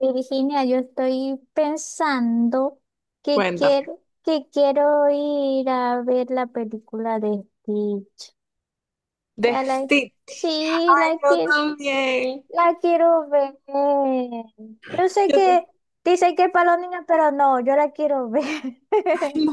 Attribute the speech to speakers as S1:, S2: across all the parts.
S1: Virginia, yo estoy pensando que
S2: Cuéntame.
S1: quiero, que quiero ir a ver la película de Stitch. O sea,
S2: Destino,
S1: sí,
S2: yo también.
S1: la quiero ver. Yo sé
S2: Yo,
S1: que
S2: t-
S1: dicen que es para los niños, pero no, yo la quiero ver.
S2: no,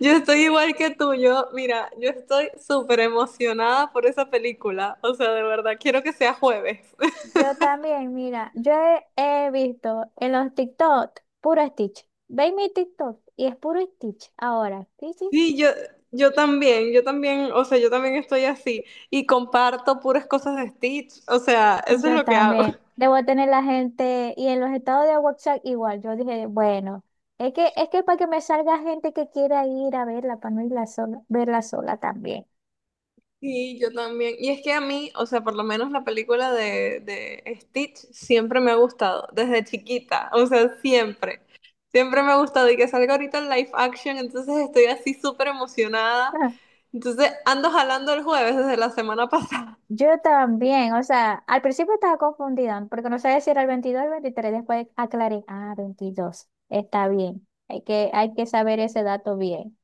S2: yo estoy igual que tú. Yo, mira, yo estoy súper emocionada por esa película. O sea, de verdad, quiero que sea jueves.
S1: Yo también, mira, he visto en los TikTok puro Stitch. Ve mi TikTok y es puro Stitch ahora. Sí, sí.
S2: Sí, yo también, o sea, yo también estoy así y comparto puras cosas de Stitch. O sea, eso es
S1: Yo
S2: lo que hago.
S1: también. Debo tener la gente, y en los estados de WhatsApp igual, yo dije, bueno, es que para que me salga gente que quiera ir a verla, para no irla sola, verla sola también.
S2: Sí, yo también. Y es que a mí, o sea, por lo menos la película de Stitch siempre me ha gustado, desde chiquita, o sea, siempre. Siempre me ha gustado y que salga ahorita en live action, entonces estoy así súper emocionada.
S1: Ah,
S2: Entonces ando jalando el jueves desde la semana pasada.
S1: yo también, o sea, al principio estaba confundida, porque no sabía si era el 22 o el veintitrés, después aclaré, ah, 22 está bien, hay que saber ese dato bien.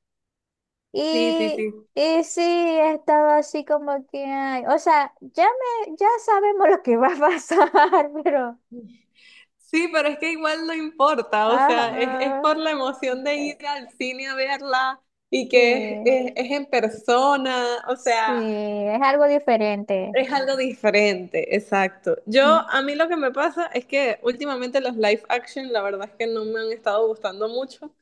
S2: Sí, sí,
S1: Y,
S2: sí.
S1: y sí, estaba así como que, ay, o sea, ya sabemos lo que va a pasar, pero...
S2: Sí, pero es que igual no importa, o sea, es
S1: Ajá.
S2: por la emoción de ir
S1: eh,
S2: al cine a verla y
S1: Sí,
S2: que es en persona, o
S1: sí,
S2: sea.
S1: es algo diferente.
S2: Es algo diferente, exacto. Yo,
S1: Mm.
S2: a mí lo que me pasa es que últimamente los live action, la verdad es que no me han estado gustando mucho.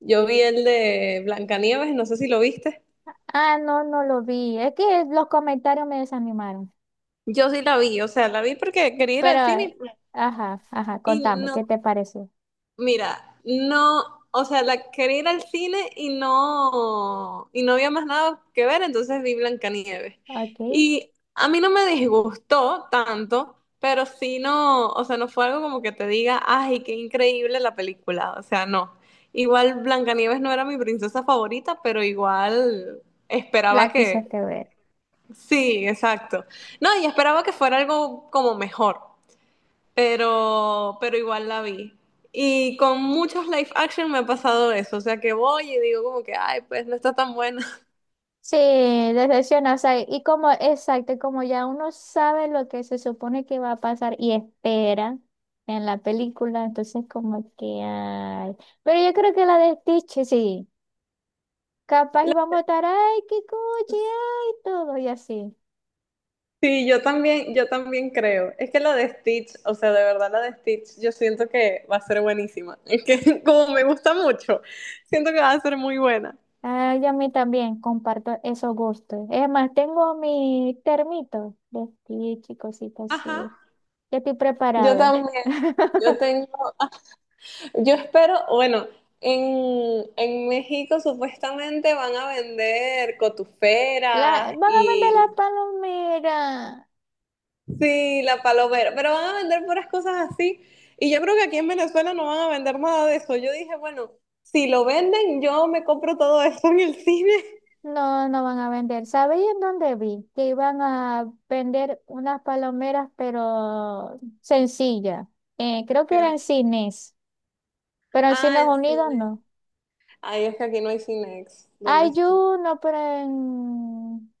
S2: Yo vi el de Blancanieves, no sé si lo viste.
S1: Ah, no, no lo vi. Es que los comentarios me desanimaron.
S2: Yo sí la vi, o sea, la vi porque quería ir al
S1: Pero,
S2: cine
S1: ajá, ajá,
S2: y
S1: contame, ¿qué
S2: no
S1: te pareció?
S2: Mira, no, o sea, la quería ir al cine y no había más nada que ver, entonces vi Blancanieves.
S1: Ok,
S2: Y a mí no me disgustó tanto, pero sí no, o sea, no fue algo como que te diga, ay, qué increíble la película, o sea, no. Igual Blancanieves no era mi princesa favorita, pero igual esperaba
S1: la
S2: que,
S1: quisiste ver.
S2: sí, exacto. No, y esperaba que fuera algo como mejor, pero igual la vi. Y con muchos live action me ha pasado eso, o sea que voy y digo como que, ay, pues no está tan buena.
S1: Sí, decepciona, o sea, y como, exacto, y como ya uno sabe lo que se supone que va a pasar y espera en la película, entonces como que, ay. Pero yo creo que la de Stitch, sí. Capaz y
S2: La-
S1: vamos a estar, ay, qué cuchi, ay, todo y así.
S2: Sí, yo también creo. Es que la de Stitch, o sea, de verdad la de Stitch, yo siento que va a ser buenísima. Es que como me gusta mucho, siento que va a ser muy buena.
S1: Ay, a mí también comparto esos gustos. Es más, tengo mi termito de Stitch y cositas
S2: Ajá.
S1: así. Ya estoy
S2: Yo
S1: preparada.
S2: también. Yo tengo, yo espero, bueno, en México supuestamente van a vender
S1: La,
S2: cotuferas
S1: van a vender las
S2: y...
S1: palomeras.
S2: Sí, la palomera, pero van a vender puras cosas así. Y yo creo que aquí en Venezuela no van a vender nada de eso. Yo dije, bueno, si lo venden, yo me compro todo eso en el cine.
S1: No, no van a vender. ¿Sabéis en dónde vi? Que iban a vender unas palomeras, pero sencillas. Creo que eran
S2: El-
S1: cines, pero en
S2: Ah,
S1: Cines
S2: el
S1: Unidos
S2: cine.
S1: no.
S2: Ay, es que aquí no hay Cinex, ¿dónde
S1: Hay
S2: estoy?
S1: uno, pero en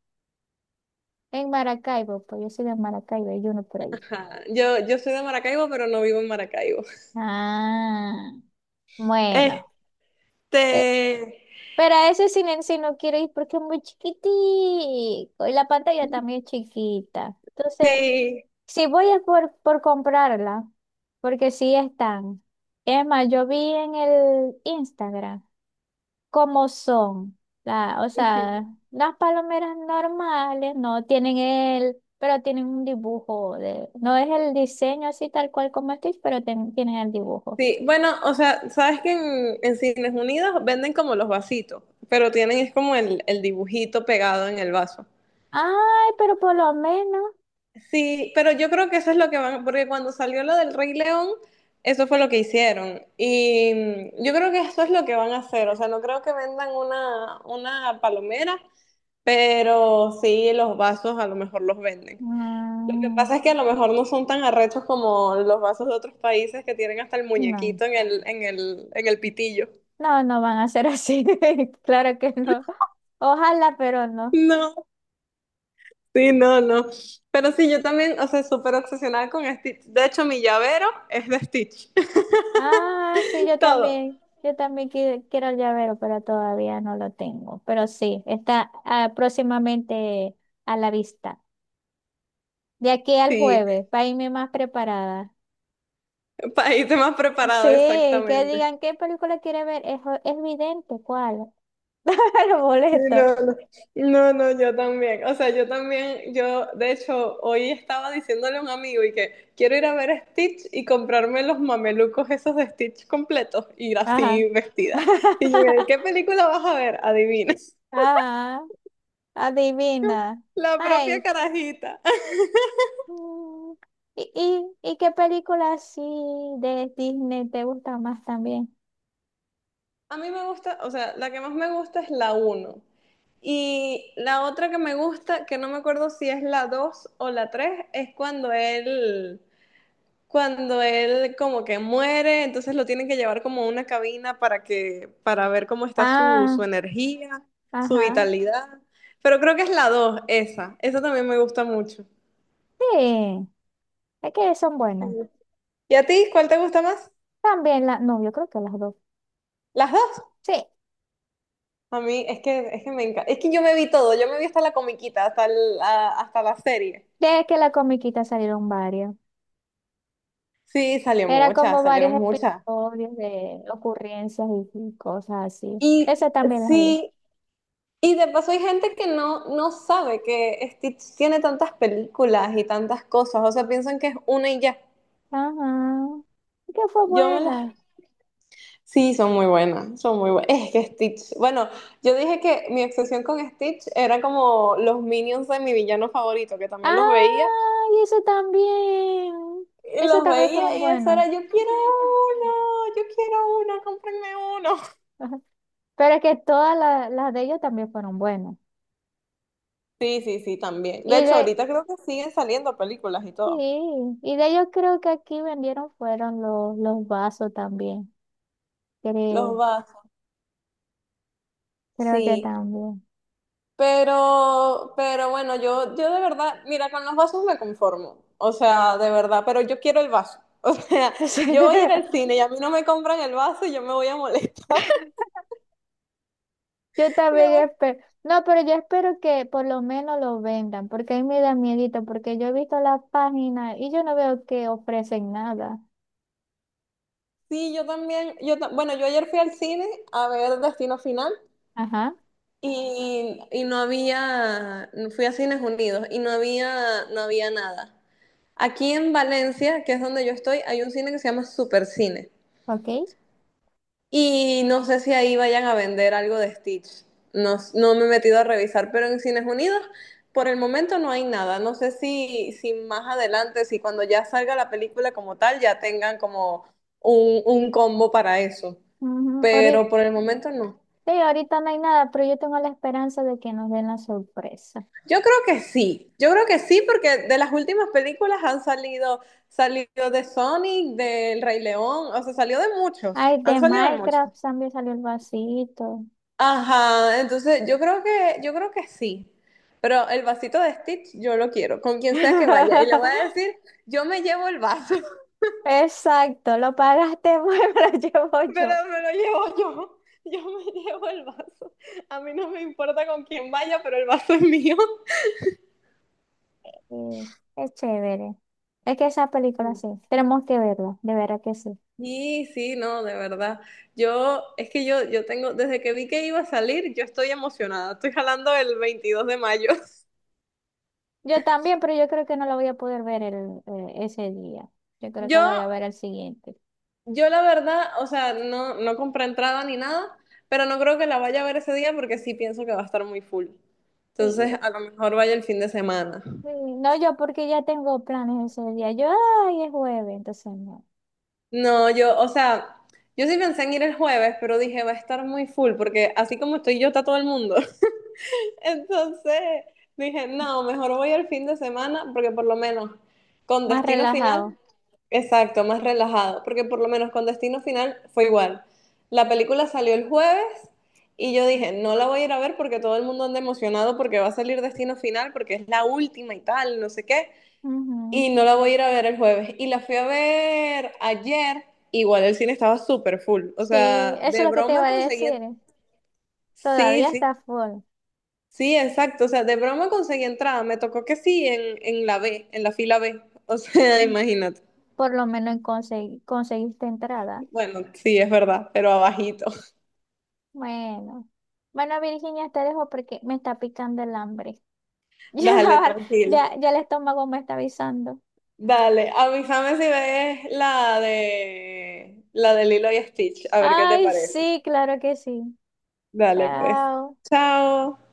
S1: Maracaibo, pues yo soy de Maracaibo, hay uno por ahí.
S2: Ajá. Yo soy de Maracaibo, pero no vivo en Maracaibo.
S1: Ah,
S2: Este,
S1: bueno. Eh, pero a ese silencio no quiero ir porque es muy chiquitico y la pantalla también es chiquita. Entonces,
S2: sí.
S1: si voy es por, comprarla, porque sí están. Es más, yo vi en el Instagram, como son. O sea,
S2: Ujú.
S1: las palomeras normales no tienen el, pero tienen un dibujo de, no es el diseño así tal cual como Stitch, pero tienen el dibujo.
S2: Sí, bueno, o sea, sabes que en Cines Unidos venden como los vasitos, pero tienen es como el dibujito pegado en el vaso.
S1: Ay, pero por lo menos,
S2: Sí, pero yo creo que eso es lo que van, porque cuando salió lo del Rey León, eso fue lo que hicieron. Y mm, yo creo que eso es lo que van a hacer. O sea, no creo que vendan una palomera, pero sí los vasos a lo mejor los venden. Lo que
S1: mm,
S2: pasa es que a lo mejor no son tan arrechos como los vasos de otros países que tienen hasta el
S1: no,
S2: muñequito en el pitillo.
S1: no, no van a ser así. Claro que no. Ojalá, pero no.
S2: No, sí, no, no. Pero sí, yo también, o sea, súper obsesionada con Stitch. De hecho, mi llavero es de Stitch.
S1: Ah, sí, yo
S2: Todo.
S1: también. Yo también quiero el llavero, pero todavía no lo tengo. Pero sí, está próximamente a la vista. De aquí al
S2: Sí.
S1: jueves, para irme más preparada.
S2: País más
S1: Sí,
S2: preparado,
S1: que
S2: exactamente.
S1: digan qué película quiere ver. Es vidente, ¿cuál? Los
S2: Sí.
S1: boletos.
S2: No, no, yo también. O sea, yo también, yo de hecho hoy estaba diciéndole a un amigo y que quiero ir a ver a Stitch y comprarme los mamelucos esos de Stitch completos, ir
S1: Ajá.
S2: así vestida. Y yo, ¿qué película vas a ver? Adivina.
S1: Ajá. Adivina.
S2: La propia
S1: Ay.
S2: carajita.
S1: mm, ¿y qué película así de Disney te gusta más también?
S2: A mí me gusta, o sea, la que más me gusta es la uno. Y la otra que me gusta, que no me acuerdo si es la 2 o la 3, es cuando él como que muere, entonces lo tienen que llevar como a una cabina para que, para ver cómo está su,
S1: Ah,
S2: su energía, su
S1: ajá.
S2: vitalidad. Pero creo que es la 2 esa. Esa también me gusta mucho.
S1: Sí, es que son buenas.
S2: Ujú. ¿Y a ti cuál te gusta más?
S1: También no, yo creo que las dos.
S2: Las dos.
S1: Sí,
S2: A mí es que me encanta. Es que yo me vi todo, yo me vi hasta la comiquita, hasta la serie.
S1: de que la comiquita salieron varias.
S2: Sí, salió
S1: Era como
S2: muchas,
S1: varios
S2: salieron muchas.
S1: episodios de ocurrencias y cosas así. Esa
S2: Y
S1: también la vi.
S2: sí, y de paso hay gente que no, no sabe que Stitch tiene tantas películas y tantas cosas, o sea, piensan que es una y ya.
S1: Ajá. Que fue
S2: Yo me las...
S1: buena.
S2: Sí, son muy buenas, son muy buenas. Es que Stitch, bueno, yo dije que mi obsesión con Stitch era como los minions de mi villano favorito, que también
S1: Ah, y eso también. Eso
S2: los
S1: también fueron
S2: veía y eso
S1: buenos.
S2: era, uno, yo quiero uno, cómprenme uno.
S1: Ajá. Pero es que todas las de ellos también fueron buenas.
S2: Sí, sí, sí, también. De
S1: Y
S2: hecho,
S1: de,
S2: ahorita creo que siguen saliendo películas y todo.
S1: sí, y de ellos creo que aquí vendieron fueron los vasos también.
S2: Los
S1: Creo,
S2: vasos,
S1: creo que
S2: sí.
S1: también.
S2: Pero bueno, yo de verdad, mira, con los vasos me conformo. O sea, de verdad, pero yo quiero el vaso. O sea, yo voy a ir al cine y a mí no me compran el vaso y yo me voy a molestar.
S1: Yo
S2: Me
S1: también
S2: voy-
S1: espero. No, pero yo espero que por lo menos lo vendan, porque a mí me da miedito, porque yo he visto la página y yo no veo que ofrecen nada.
S2: Sí, yo también, bueno, yo ayer fui al cine a ver Destino Final
S1: Ajá,
S2: y no había, fui a Cines Unidos y no había, no había nada. Aquí en Valencia, que es donde yo estoy, hay un cine que se llama Supercine.
S1: ok.
S2: Y no sé si ahí vayan a vender algo de Stitch. No, no me he metido a revisar, pero en Cines Unidos por el momento no hay nada. No sé si, si más adelante, si cuando ya salga la película como tal, ya tengan como un combo para eso.
S1: Ujú. Ahorita,
S2: Pero por el momento no.
S1: sí, ahorita no hay nada, pero yo tengo la esperanza de que nos den la sorpresa.
S2: Yo creo que sí. Yo creo que sí, porque de las últimas películas han salido, salido de Sonic, del Rey León, o sea, salió de muchos.
S1: Ay,
S2: Han
S1: de
S2: salido de muchos.
S1: Minecraft también salió el vasito.
S2: Ajá, entonces yo creo que sí. Pero el vasito de Stitch yo lo quiero, con quien sea que vaya. Y le voy a decir, yo me llevo el vaso,
S1: Exacto, lo pagaste, bueno, lo llevo
S2: pero
S1: yo.
S2: me lo llevo yo. Yo me llevo el vaso. A mí no me importa con quién vaya, pero el vaso es mío.
S1: Sí, es chévere. Es que esa película
S2: Sí,
S1: sí, tenemos que verla, de verdad que sí.
S2: sí, sí, no, de verdad. Yo, es que yo tengo, desde que vi que iba a salir, yo estoy emocionada. Estoy jalando el 22 de mayo.
S1: Yo también, pero yo creo que no lo voy a poder ver ese día. Yo creo que
S2: Yo
S1: lo voy a ver el siguiente.
S2: Yo la verdad, o sea, no, no compré entrada ni nada, pero no creo que la vaya a ver ese día porque sí pienso que va a estar muy full.
S1: Y-
S2: Entonces,
S1: y-
S2: a lo mejor vaya el fin de semana.
S1: y no yo, porque ya tengo planes ese día. Ay, es jueves, entonces no.
S2: No, yo, o sea, yo sí pensé en ir el jueves, pero dije, va a estar muy full porque así como estoy yo, está todo el mundo. Entonces, dije, no, mejor voy el fin de semana porque por lo menos con
S1: Más
S2: Destino Final...
S1: relajado.
S2: Exacto, más relajado, porque por lo menos con Destino Final fue igual. La película salió el jueves y yo dije, no la voy a ir a ver porque todo el mundo anda emocionado porque va a salir Destino Final, porque es la última y tal, no sé qué,
S1: Ujú.
S2: y no la voy a ir a ver el jueves. Y la fui a ver ayer, igual el cine estaba súper full, o
S1: Sí,
S2: sea,
S1: eso es
S2: de
S1: lo que te iba
S2: broma
S1: a
S2: conseguí,
S1: decir.
S2: sí,
S1: Todavía
S2: sí,
S1: está full.
S2: sí, exacto, o sea, de broma conseguí entrada, me tocó que sí en la B, en la fila B, o sea,
S1: Mm.
S2: imagínate.
S1: Por lo menos conseguiste entrada.
S2: Bueno, sí, es verdad, pero abajito.
S1: Bueno. Bueno, Virginia, te dejo porque me está picando el hambre. Ya,
S2: Dale,
S1: la
S2: tranquila.
S1: ya, ya el estómago me está avisando.
S2: Dale, avísame si ves la de Lilo y Stitch, a ver qué te
S1: Ay,
S2: parece.
S1: sí, claro que sí.
S2: Dale, pues.
S1: Chao.
S2: Chao.